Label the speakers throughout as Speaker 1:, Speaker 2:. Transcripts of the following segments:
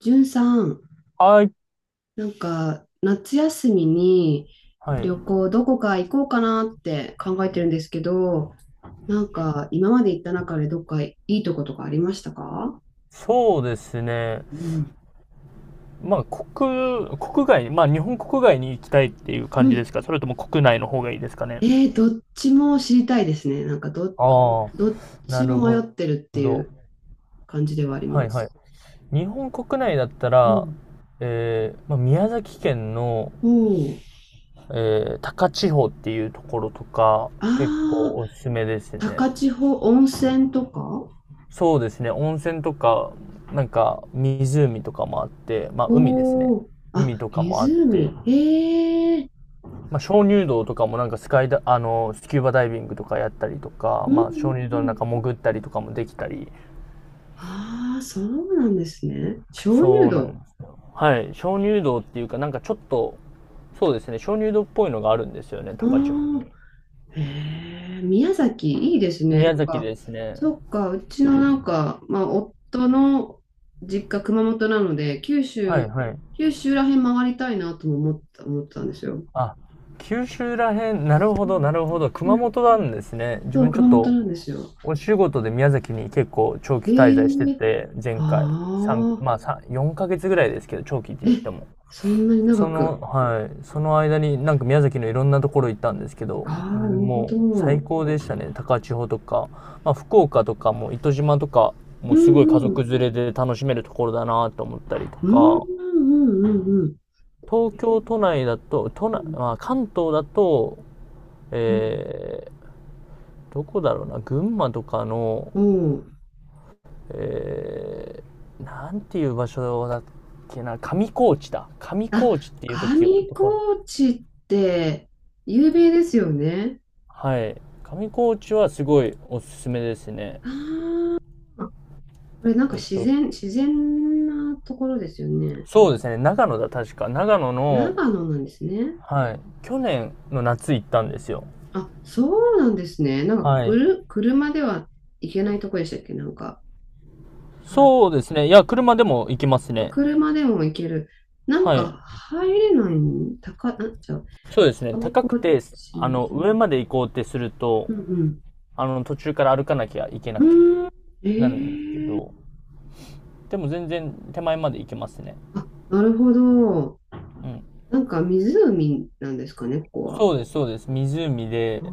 Speaker 1: じゅんさん、
Speaker 2: はい。
Speaker 1: なんか夏休みに
Speaker 2: はい。
Speaker 1: 旅行どこか行こうかなって考えてるんですけど、なんか今まで行った中でどっかいいとことかありましたか？
Speaker 2: そうですね。
Speaker 1: うん。
Speaker 2: まあ、国、国外、まあ、日本国外に行きたいっていう
Speaker 1: う
Speaker 2: 感じで
Speaker 1: ん。
Speaker 2: すか？それとも国内の方がいいですかね？
Speaker 1: どっちも知りたいですね。
Speaker 2: ああ、
Speaker 1: どっ
Speaker 2: な
Speaker 1: ちも
Speaker 2: る
Speaker 1: 迷っ
Speaker 2: ほ
Speaker 1: てるってい
Speaker 2: ど。
Speaker 1: う感じではあり
Speaker 2: はい
Speaker 1: ま
Speaker 2: はい。
Speaker 1: す。
Speaker 2: 日本国内だった
Speaker 1: う
Speaker 2: ら、
Speaker 1: ん。
Speaker 2: まあ、宮崎県の、
Speaker 1: おー。
Speaker 2: 高千穂っていうところとか、結構
Speaker 1: あー、
Speaker 2: おすすめですね。
Speaker 1: 高千穂温泉とか。
Speaker 2: そうですね。温泉とか、なんか湖とかもあって、まあ海ですね。
Speaker 1: おー。あ、
Speaker 2: 海とかもあっ
Speaker 1: 湖。
Speaker 2: て、
Speaker 1: えー。
Speaker 2: まあ、鍾乳洞とかもなんかスカイダあのスキューバダイビングとかやったりとか、
Speaker 1: うんう
Speaker 2: まあ、
Speaker 1: ん
Speaker 2: 鍾乳
Speaker 1: う
Speaker 2: 洞の
Speaker 1: ん。
Speaker 2: 中潜ったりとかもできたり。
Speaker 1: ああ、そうなんですね。鍾乳
Speaker 2: そうなんで
Speaker 1: 洞。
Speaker 2: すよ。はい、鍾乳洞っていうかなんかちょっと、そうですね、鍾乳洞っぽいのがあるんですよね、高千穂に。
Speaker 1: うん。へえ、宮崎、いいですね。な
Speaker 2: 宮
Speaker 1: ん
Speaker 2: 崎
Speaker 1: か、
Speaker 2: ですね。
Speaker 1: そっか、うちのなんか、まあ、夫の実家、熊本なので、九
Speaker 2: は
Speaker 1: 州、
Speaker 2: いはい。
Speaker 1: 九州らへん回りたいなとも思ってたんですよ。
Speaker 2: あ、九州らへん、なるほ
Speaker 1: う
Speaker 2: どな
Speaker 1: ん。
Speaker 2: るほど。熊本なんですね。自
Speaker 1: そう、
Speaker 2: 分ちょっ
Speaker 1: 熊本
Speaker 2: と
Speaker 1: なんですよ。
Speaker 2: お仕事で宮崎に結構長期滞在して
Speaker 1: ええ、
Speaker 2: て、前回三
Speaker 1: あ
Speaker 2: まあ3 4ヶ月ぐらいですけど、長期って
Speaker 1: あ、
Speaker 2: 言
Speaker 1: え、
Speaker 2: っても、
Speaker 1: そんなに長く。
Speaker 2: はい、その間になんか宮崎のいろんなところ行ったんですけど、
Speaker 1: ああ、なるほ
Speaker 2: もう最
Speaker 1: ど。
Speaker 2: 高でしたね。高千穂とか、まあ、福岡とかも糸島とか、も
Speaker 1: う
Speaker 2: うすごい家
Speaker 1: んう
Speaker 2: 族
Speaker 1: ん。
Speaker 2: 連れで楽しめるところだなと思ったりと
Speaker 1: うんう
Speaker 2: か、
Speaker 1: んうんうんうん。
Speaker 2: 東
Speaker 1: え
Speaker 2: 京
Speaker 1: ー
Speaker 2: 都内だと、都
Speaker 1: う
Speaker 2: 内、
Speaker 1: ん
Speaker 2: まあ、関東だと、
Speaker 1: うん
Speaker 2: えどこだろうな、群馬とかの、
Speaker 1: うん。
Speaker 2: えなんていう場所だっけな、上高地だ。上
Speaker 1: あ、
Speaker 2: 高地っていう
Speaker 1: 上
Speaker 2: と
Speaker 1: 高
Speaker 2: ころ。
Speaker 1: 地って有名ですよね。
Speaker 2: はい。上高地はすごいおすすめですね。
Speaker 1: これなんか
Speaker 2: えっと、
Speaker 1: 自然なところですよね。
Speaker 2: そうですね。長野だ、確か。長野の、
Speaker 1: 長野なんですね。
Speaker 2: はい。去年の夏行ったんですよ。
Speaker 1: あ、そうなんですね。なんか
Speaker 2: は
Speaker 1: く
Speaker 2: い。
Speaker 1: る、車では行けないとこでしたっけ、なんか、なんだっ
Speaker 2: そ
Speaker 1: け、
Speaker 2: うですね。いや、車でも行きますね。
Speaker 1: 車でも行ける。なん
Speaker 2: はい。
Speaker 1: か入れないん、なんちゃう、
Speaker 2: そうですね。
Speaker 1: 上
Speaker 2: 高
Speaker 1: 高
Speaker 2: くて、
Speaker 1: 地。
Speaker 2: 上まで行こうってすると、
Speaker 1: うん
Speaker 2: 途中から歩かなきゃいけな
Speaker 1: う
Speaker 2: きゃ
Speaker 1: ん。うーん。え
Speaker 2: なるんですけ
Speaker 1: ー、
Speaker 2: ど、でも全然手前まで行けますね。
Speaker 1: なるほど。
Speaker 2: うん。
Speaker 1: なんか湖なんですかね、ここは。
Speaker 2: そうです、そうです。湖
Speaker 1: あ
Speaker 2: で、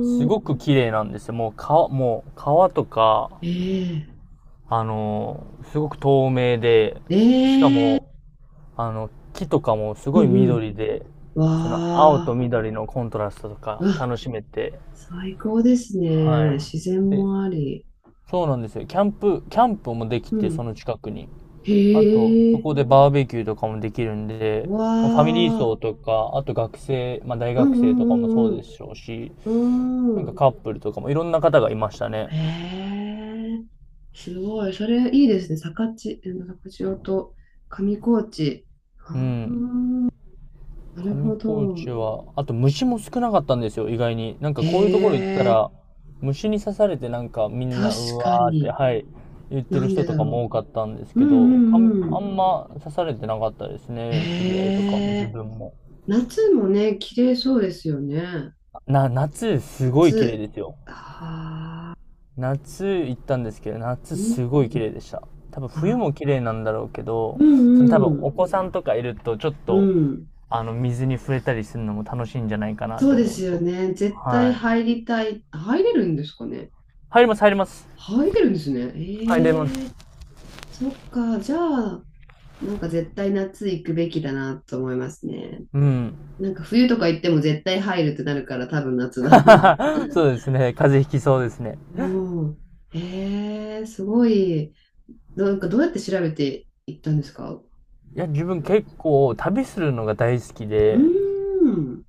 Speaker 2: すごく綺麗なんですよ。もう川とか、
Speaker 1: ええ、
Speaker 2: あの、すごく透明で、しか
Speaker 1: ええ、
Speaker 2: も、木とかもす
Speaker 1: う
Speaker 2: ごい
Speaker 1: ん
Speaker 2: 緑で、
Speaker 1: うん。わ
Speaker 2: その青と
Speaker 1: あ、
Speaker 2: 緑のコントラストとか
Speaker 1: うわ、
Speaker 2: 楽しめて、
Speaker 1: 最高です
Speaker 2: は
Speaker 1: ね。自然
Speaker 2: い。で、
Speaker 1: もあり。
Speaker 2: そうなんですよ。キャンプもでき
Speaker 1: う
Speaker 2: て、そ
Speaker 1: ん。
Speaker 2: の近くに。あと、
Speaker 1: へ
Speaker 2: そ
Speaker 1: え、
Speaker 2: こでバーベキューとかもできるんで、まあファミリー
Speaker 1: わあ、
Speaker 2: 層とか、あと学生、まあ大
Speaker 1: う
Speaker 2: 学生
Speaker 1: ん
Speaker 2: とかもそう
Speaker 1: うんう
Speaker 2: で
Speaker 1: ん
Speaker 2: しょうし、
Speaker 1: うん。
Speaker 2: な
Speaker 1: う
Speaker 2: んか
Speaker 1: ん。
Speaker 2: カップルとかもいろんな方がいましたね。
Speaker 1: へえ、すごい。それいいですね。坂地、え坂千と上高地。あ
Speaker 2: うん。
Speaker 1: あ、なる
Speaker 2: 上
Speaker 1: ほ
Speaker 2: 高地
Speaker 1: ど。
Speaker 2: は、あと虫も少なかったんですよ、意外に。なん
Speaker 1: え
Speaker 2: かこういうところ行った
Speaker 1: え、
Speaker 2: ら、虫に刺されてなんかみん
Speaker 1: 確
Speaker 2: な、う
Speaker 1: か
Speaker 2: わーって、
Speaker 1: に。
Speaker 2: はい、言って
Speaker 1: な
Speaker 2: る
Speaker 1: ん
Speaker 2: 人
Speaker 1: で
Speaker 2: と
Speaker 1: だ
Speaker 2: かも
Speaker 1: ろ
Speaker 2: 多かったんです
Speaker 1: う。う
Speaker 2: け
Speaker 1: ん
Speaker 2: ど、
Speaker 1: うんう
Speaker 2: あ
Speaker 1: ん。
Speaker 2: んま刺されてなかったです
Speaker 1: へ
Speaker 2: ね、知り合いとかも自
Speaker 1: え。
Speaker 2: 分も。
Speaker 1: 夏もね、綺麗そうですよね。
Speaker 2: 夏すごい綺麗
Speaker 1: 夏。
Speaker 2: ですよ。
Speaker 1: はあ、
Speaker 2: 夏行ったんですけど、
Speaker 1: う
Speaker 2: 夏
Speaker 1: ん、
Speaker 2: すごい綺麗でした。多分
Speaker 1: あ、
Speaker 2: 冬も綺麗なんだろうけど、
Speaker 1: う
Speaker 2: その多分
Speaker 1: んう
Speaker 2: お
Speaker 1: ん、
Speaker 2: 子さんとかいるとちょっ
Speaker 1: う
Speaker 2: と、
Speaker 1: ん。
Speaker 2: 水に触れたりするのも楽しいんじゃないかなっ
Speaker 1: そ
Speaker 2: て
Speaker 1: うで
Speaker 2: 思う
Speaker 1: すよ
Speaker 2: と。
Speaker 1: ね。絶対
Speaker 2: はい。
Speaker 1: 入りたい。入れるんですかね。
Speaker 2: 入ります、入りま
Speaker 1: あ、
Speaker 2: す。
Speaker 1: 入れるんですね。
Speaker 2: 入れま
Speaker 1: ええ。
Speaker 2: す。
Speaker 1: そっか。じゃあ、なんか絶対夏行くべきだなと思いますね。
Speaker 2: うん。
Speaker 1: なんか冬とか行っても絶対入るってなるから多分夏だ。
Speaker 2: そうですね。風邪ひき
Speaker 1: う
Speaker 2: そうで
Speaker 1: ん。
Speaker 2: すね。
Speaker 1: うん。ええ、すごい。なんかどうやって調べていったんですか？
Speaker 2: いや、自分
Speaker 1: う
Speaker 2: 結構旅するのが大好き
Speaker 1: ー
Speaker 2: で、
Speaker 1: ん。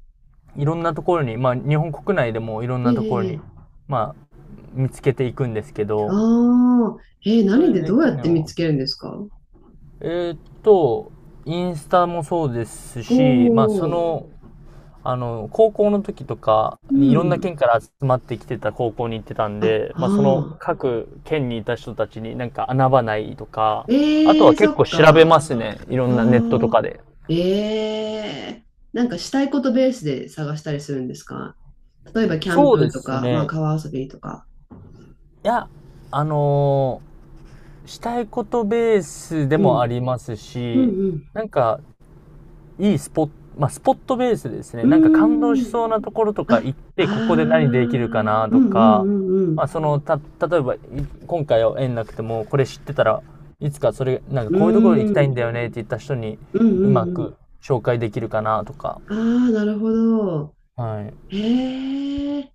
Speaker 2: いろんなところに、まあ日本国内でもいろん
Speaker 1: え
Speaker 2: なところ
Speaker 1: え、
Speaker 2: に、
Speaker 1: ええ、
Speaker 2: まあ見つけていくんですけど、
Speaker 1: ああ、ええ、
Speaker 2: そ
Speaker 1: 何
Speaker 2: れ
Speaker 1: で
Speaker 2: で
Speaker 1: どうや
Speaker 2: 去
Speaker 1: って
Speaker 2: 年
Speaker 1: 見
Speaker 2: は。
Speaker 1: つけるんですか？お。
Speaker 2: えーっと、インスタもそうですし、まあそ
Speaker 1: お
Speaker 2: の高校の時とか
Speaker 1: ー、う
Speaker 2: にいろんな
Speaker 1: ん。
Speaker 2: 県から集まってきてた高校に行ってたん
Speaker 1: あ、
Speaker 2: で、まあその
Speaker 1: ああ。
Speaker 2: 各県にいた人たちになんか穴場ないとか、あと
Speaker 1: ええ、
Speaker 2: は
Speaker 1: そ
Speaker 2: 結構
Speaker 1: っ
Speaker 2: 調べ
Speaker 1: か。あ
Speaker 2: ますね。いろんなネットと
Speaker 1: あ、
Speaker 2: かで。
Speaker 1: ええ、なんかしたいことベースで探したりするんですか？例えばキャン
Speaker 2: そうで
Speaker 1: プと
Speaker 2: す
Speaker 1: か、まあ
Speaker 2: ね。
Speaker 1: 川遊びとか。
Speaker 2: いや、あのーしたいことベースで
Speaker 1: う
Speaker 2: もあ
Speaker 1: ん。
Speaker 2: ります
Speaker 1: う
Speaker 2: し、
Speaker 1: ん
Speaker 2: なんかいいスポット、まあ、スポットベースでですね、
Speaker 1: う
Speaker 2: なんか感動
Speaker 1: ん。
Speaker 2: し
Speaker 1: うーん。
Speaker 2: そうなところとか
Speaker 1: あ、
Speaker 2: 行っ
Speaker 1: あ
Speaker 2: て、ここ
Speaker 1: あ。
Speaker 2: で何
Speaker 1: う
Speaker 2: できるか
Speaker 1: ん
Speaker 2: な
Speaker 1: う
Speaker 2: と
Speaker 1: んう
Speaker 2: か、
Speaker 1: んう
Speaker 2: ま
Speaker 1: ん。
Speaker 2: あ、例えば、今回は縁なくても、これ知ってたら、いつかそれ、なんか
Speaker 1: う
Speaker 2: こういうところ行き
Speaker 1: ー
Speaker 2: たいんだ
Speaker 1: ん。
Speaker 2: よねって言った人に、
Speaker 1: うん
Speaker 2: うま
Speaker 1: うん
Speaker 2: く
Speaker 1: う
Speaker 2: 紹介できるかなとか、
Speaker 1: ん。ああ、なるほど。
Speaker 2: はい。
Speaker 1: へえ。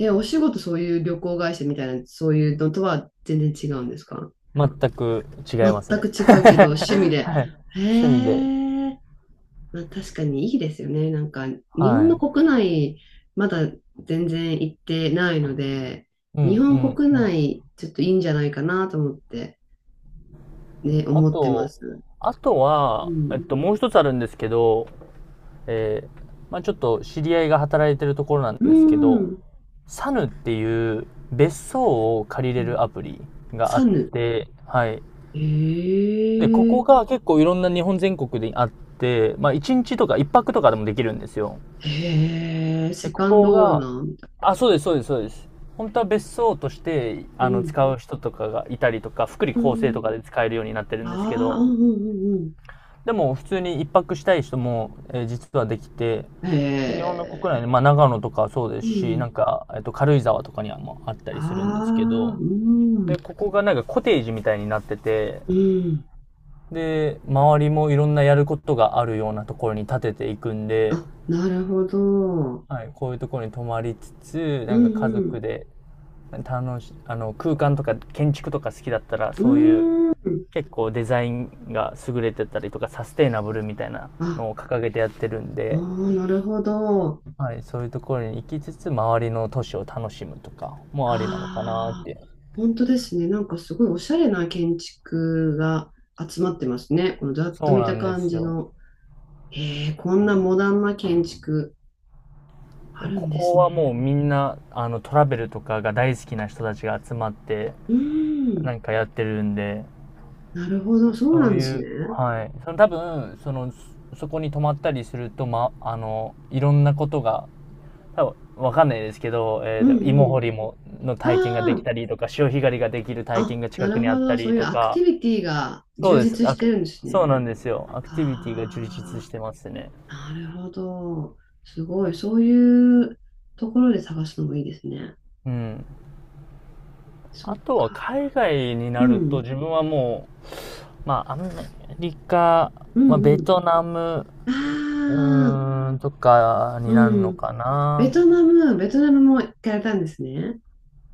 Speaker 1: え、お仕事そういう旅行会社みたいな、そういうのとは全然違うんですか？
Speaker 2: 全く違い
Speaker 1: 全
Speaker 2: ます
Speaker 1: く
Speaker 2: ね。
Speaker 1: 違うけど、趣味
Speaker 2: は
Speaker 1: で。
Speaker 2: い。
Speaker 1: へ
Speaker 2: 趣味で、
Speaker 1: え。まあ確かにいいですよね。なんか、日本
Speaker 2: は
Speaker 1: の
Speaker 2: い。
Speaker 1: 国内、まだ全然行ってないので、
Speaker 2: うん、
Speaker 1: 日
Speaker 2: う
Speaker 1: 本
Speaker 2: ん、
Speaker 1: 国
Speaker 2: うん。
Speaker 1: 内、ちょっといいんじゃないかなと思って、ね、
Speaker 2: あ
Speaker 1: 思ってま
Speaker 2: と、
Speaker 1: す。
Speaker 2: あと
Speaker 1: う
Speaker 2: は、
Speaker 1: ん。
Speaker 2: もう一つあるんですけど、えーまあ、ちょっと知り合いが働いてるところなん
Speaker 1: う
Speaker 2: ですけど、
Speaker 1: ん。
Speaker 2: サヌっていう別荘を借り
Speaker 1: う
Speaker 2: れ
Speaker 1: ん。
Speaker 2: るアプリがあ
Speaker 1: サ
Speaker 2: っ
Speaker 1: ヌ。
Speaker 2: て、はい。
Speaker 1: へ
Speaker 2: で、ここ
Speaker 1: え。
Speaker 2: が結構いろんな日本全国であって、まあ、1日とか1泊とかでもできるんですよ。
Speaker 1: へえ。
Speaker 2: で、
Speaker 1: セ
Speaker 2: こ
Speaker 1: カン
Speaker 2: こ
Speaker 1: ドオーナ
Speaker 2: が、
Speaker 1: ーみた
Speaker 2: あ、そうです、そうです、そうです。本当は別荘として、
Speaker 1: いな。うん。
Speaker 2: 使う人とかがいたりとか、福利
Speaker 1: う
Speaker 2: 厚生と
Speaker 1: ん。
Speaker 2: かで使えるようになってるんですけ
Speaker 1: ああ、
Speaker 2: ど、
Speaker 1: うんうんうんうん。
Speaker 2: でも普通に一泊したい人も、実はできて、で、日本
Speaker 1: へ
Speaker 2: の国内
Speaker 1: え。
Speaker 2: で、まあ、長野とかそうで
Speaker 1: う
Speaker 2: すし、なん
Speaker 1: ん。
Speaker 2: か、軽井沢とかにはもあったりするんですけ
Speaker 1: ああ、
Speaker 2: ど、
Speaker 1: う
Speaker 2: で、
Speaker 1: ん。
Speaker 2: ここがなんかコテージみたいになってて、
Speaker 1: うん。
Speaker 2: で、周りもいろんなやることがあるようなところに建てていくんで、
Speaker 1: あ、なるほど。
Speaker 2: はい、こういうところに泊まりつつ、
Speaker 1: う
Speaker 2: なんか家族
Speaker 1: ん
Speaker 2: で、楽し、あの、空間とか建築とか好きだったら、
Speaker 1: う
Speaker 2: そういう、
Speaker 1: ん。うん。
Speaker 2: 結構デザインが優れてたりとか、サステイナブルみたいな
Speaker 1: あ、
Speaker 2: のを掲げてやってるん
Speaker 1: ああ、
Speaker 2: で、
Speaker 1: なるほど。
Speaker 2: はい、そういうところに行きつつ、周りの都市を楽しむとか
Speaker 1: ああ、なるほど。
Speaker 2: もありなのかなっ
Speaker 1: ああ、
Speaker 2: て。
Speaker 1: 本当ですね。なんかすごいおしゃれな建築が集まってますね。このざっと
Speaker 2: そう
Speaker 1: 見
Speaker 2: な
Speaker 1: た
Speaker 2: んで
Speaker 1: 感
Speaker 2: す
Speaker 1: じ
Speaker 2: よ。
Speaker 1: の。へえ、こんなモダンな建築ある
Speaker 2: こ
Speaker 1: んで
Speaker 2: こ
Speaker 1: すね。
Speaker 2: はもうみんな、トラベルとかが大好きな人たちが集まって、
Speaker 1: う
Speaker 2: な
Speaker 1: ん。
Speaker 2: んかやってるんで、
Speaker 1: なるほど。そう
Speaker 2: そ
Speaker 1: な
Speaker 2: う
Speaker 1: んで
Speaker 2: い
Speaker 1: すね。
Speaker 2: う、はい。その多分、その、そこに泊まったりすると、ま、あの、いろんなことが、多分、わかんないですけど、
Speaker 1: うんう
Speaker 2: 芋掘
Speaker 1: ん。
Speaker 2: りも、の体験がで
Speaker 1: あ
Speaker 2: きたりとか、潮干狩りができる体験
Speaker 1: あ、
Speaker 2: が
Speaker 1: な
Speaker 2: 近く
Speaker 1: る
Speaker 2: にあ
Speaker 1: ほ
Speaker 2: った
Speaker 1: ど。そう
Speaker 2: り
Speaker 1: いう
Speaker 2: と
Speaker 1: アクテ
Speaker 2: か、
Speaker 1: ィビティが
Speaker 2: そう
Speaker 1: 充
Speaker 2: です。
Speaker 1: 実してるんです
Speaker 2: そうなん
Speaker 1: ね。
Speaker 2: ですよ。アクティビティが充実
Speaker 1: あ
Speaker 2: してますね。
Speaker 1: あ、なるほど。すごい。そういうところで探すのもいいですね。
Speaker 2: うん。
Speaker 1: そ
Speaker 2: あ
Speaker 1: っ
Speaker 2: と
Speaker 1: か。
Speaker 2: は海外に
Speaker 1: う
Speaker 2: なると
Speaker 1: ん。
Speaker 2: 自分はもう、まあ、アメリカ、
Speaker 1: うん
Speaker 2: まあ、
Speaker 1: う
Speaker 2: ベ
Speaker 1: ん。
Speaker 2: トナム、
Speaker 1: ああ、
Speaker 2: とかになる
Speaker 1: う
Speaker 2: の
Speaker 1: ん。
Speaker 2: か
Speaker 1: ベ
Speaker 2: な。
Speaker 1: トナム、ベトナムも行かれたんですね。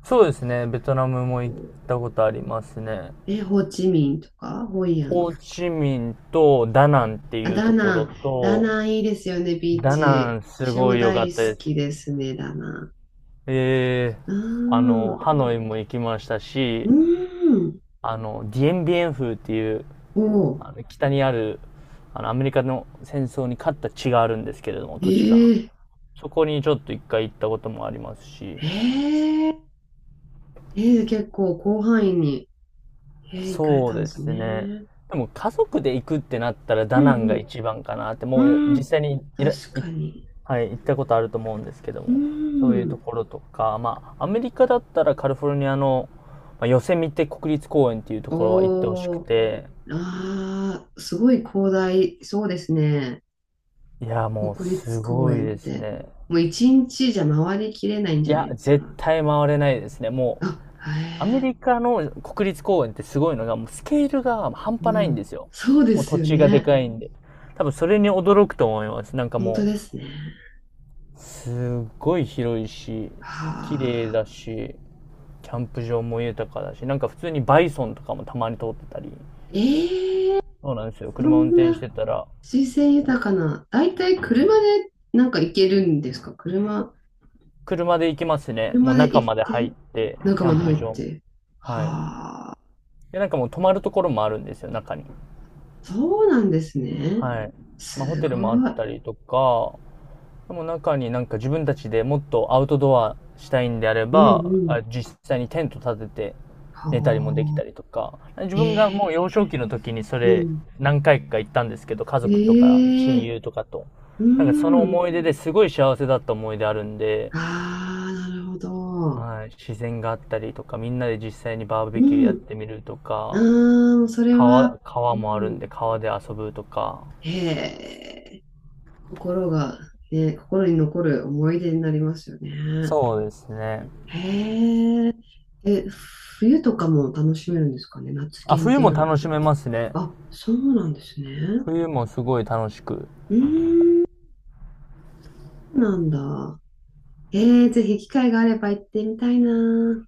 Speaker 2: そうですね。ベトナムも行ったことありますね。
Speaker 1: え、ホーチミンとか、ホイア
Speaker 2: ホ
Speaker 1: ン。
Speaker 2: ーチミンとダナンって
Speaker 1: あ、
Speaker 2: いう
Speaker 1: ダ
Speaker 2: とこ
Speaker 1: ナ
Speaker 2: ろ
Speaker 1: ン。ダ
Speaker 2: と、
Speaker 1: ナンいいですよね、ビー
Speaker 2: ダナ
Speaker 1: チ。
Speaker 2: ンす
Speaker 1: 私
Speaker 2: ご
Speaker 1: も
Speaker 2: い良かっ
Speaker 1: 大好
Speaker 2: たで
Speaker 1: き
Speaker 2: す。
Speaker 1: ですね、ダナン。
Speaker 2: ええ、
Speaker 1: ああ、
Speaker 2: ハノイも行きました
Speaker 1: う
Speaker 2: し、
Speaker 1: ん。
Speaker 2: ディエンビエン風っていう、
Speaker 1: おお、
Speaker 2: 北にある、アメリカの戦争に勝った地があるんですけれども、
Speaker 1: え
Speaker 2: 土地が。
Speaker 1: ー、
Speaker 2: そこにちょっと一回行ったこともありますし、
Speaker 1: えー、え結構広範囲に、行かれ
Speaker 2: そう
Speaker 1: たんで
Speaker 2: で
Speaker 1: す
Speaker 2: す
Speaker 1: ね。
Speaker 2: ね。
Speaker 1: う
Speaker 2: でも家族で行くってなったらダナン
Speaker 1: ん
Speaker 2: が一番かなって、
Speaker 1: う
Speaker 2: もう
Speaker 1: ん。う
Speaker 2: 実
Speaker 1: ん、
Speaker 2: 際にいら、い、
Speaker 1: 確かに。
Speaker 2: はい、行ったことあると思うんですけど
Speaker 1: う
Speaker 2: も、そういうと
Speaker 1: ん。
Speaker 2: ころとか、まあ、アメリカだったらカリフォルニアの、まあ、ヨセミテ国立公園っていうと
Speaker 1: お
Speaker 2: ころは行ってほしく
Speaker 1: お、
Speaker 2: て、
Speaker 1: ああ、すごい広大、そうですね。
Speaker 2: いや、もう
Speaker 1: 国
Speaker 2: す
Speaker 1: 立公
Speaker 2: ごい
Speaker 1: 園っ
Speaker 2: です
Speaker 1: て。
Speaker 2: ね。
Speaker 1: もう一日じゃ回りきれないん
Speaker 2: い
Speaker 1: じゃない
Speaker 2: や、
Speaker 1: です
Speaker 2: 絶
Speaker 1: か。
Speaker 2: 対回れないですね。もう、
Speaker 1: あ、へ
Speaker 2: アメ
Speaker 1: え、
Speaker 2: リカの国立公園ってすごいのが、もうスケールが半端
Speaker 1: う
Speaker 2: ないんで
Speaker 1: ん。
Speaker 2: すよ。
Speaker 1: そうで
Speaker 2: もう
Speaker 1: す
Speaker 2: 土
Speaker 1: よ
Speaker 2: 地がで
Speaker 1: ね。
Speaker 2: かいんで。多分それに驚くと思います。なんか
Speaker 1: 本当
Speaker 2: も
Speaker 1: ですね。
Speaker 2: う、すっごい広いし、綺麗
Speaker 1: はあ。
Speaker 2: だし、キャンプ場も豊かだし、なんか普通にバイソンとかもたまに通ってたり。
Speaker 1: ええ、
Speaker 2: そうなんですよ。
Speaker 1: そ
Speaker 2: 車運
Speaker 1: ん
Speaker 2: 転し
Speaker 1: な。
Speaker 2: てたら、
Speaker 1: 水性豊かな、だいたい車でなんか行けるんですか？車、
Speaker 2: 車で行きますね。も
Speaker 1: 車
Speaker 2: う
Speaker 1: で
Speaker 2: 中
Speaker 1: 行
Speaker 2: ま
Speaker 1: っ
Speaker 2: で入っ
Speaker 1: て、
Speaker 2: て、キ
Speaker 1: 仲
Speaker 2: ャ
Speaker 1: 間
Speaker 2: ン
Speaker 1: に入
Speaker 2: プ
Speaker 1: っ
Speaker 2: 場も。
Speaker 1: て。
Speaker 2: はい。
Speaker 1: はあ、
Speaker 2: で、なんかもう泊まるところもあるんですよ、中に。
Speaker 1: そうなんですね。
Speaker 2: はい。まあ、ホ
Speaker 1: す
Speaker 2: テルもあっ
Speaker 1: ごい。
Speaker 2: たりとか、でも中になんか自分たちでもっとアウトドアしたいんであれ
Speaker 1: うん
Speaker 2: ば、
Speaker 1: うん。
Speaker 2: あ、実際にテント立てて
Speaker 1: は
Speaker 2: 寝たりもでき
Speaker 1: あ。
Speaker 2: たりとか、自
Speaker 1: え
Speaker 2: 分がもう
Speaker 1: え、
Speaker 2: 幼少期の時にそ
Speaker 1: う
Speaker 2: れ
Speaker 1: ん。
Speaker 2: 何回か行ったんですけど、家族とか
Speaker 1: え
Speaker 2: 親
Speaker 1: え、
Speaker 2: 友とかと。
Speaker 1: う
Speaker 2: なんかその
Speaker 1: ん。
Speaker 2: 思い出ですごい幸せだった思い出あるんで、
Speaker 1: ああ、なるほど。
Speaker 2: はい、自然があったりとか、みんなで実際にバーベキュー
Speaker 1: う
Speaker 2: やっ
Speaker 1: ん。
Speaker 2: てみるとか、
Speaker 1: ああ、それ
Speaker 2: 川、
Speaker 1: は、う
Speaker 2: 川もあるん
Speaker 1: ん。
Speaker 2: で川で遊ぶとか。
Speaker 1: ええ、心が、ね、心に残る思い出になりますよね。
Speaker 2: そうですね。
Speaker 1: へえ。え、冬とかも楽しめるんですかね。夏
Speaker 2: あ、
Speaker 1: 限
Speaker 2: 冬
Speaker 1: 定
Speaker 2: も
Speaker 1: なの
Speaker 2: 楽
Speaker 1: か。
Speaker 2: しめますね。
Speaker 1: あ、そうなんですね。
Speaker 2: 冬もすごい楽しく
Speaker 1: うーん、そうなんだ。ぜひ機会があれば行ってみたいな。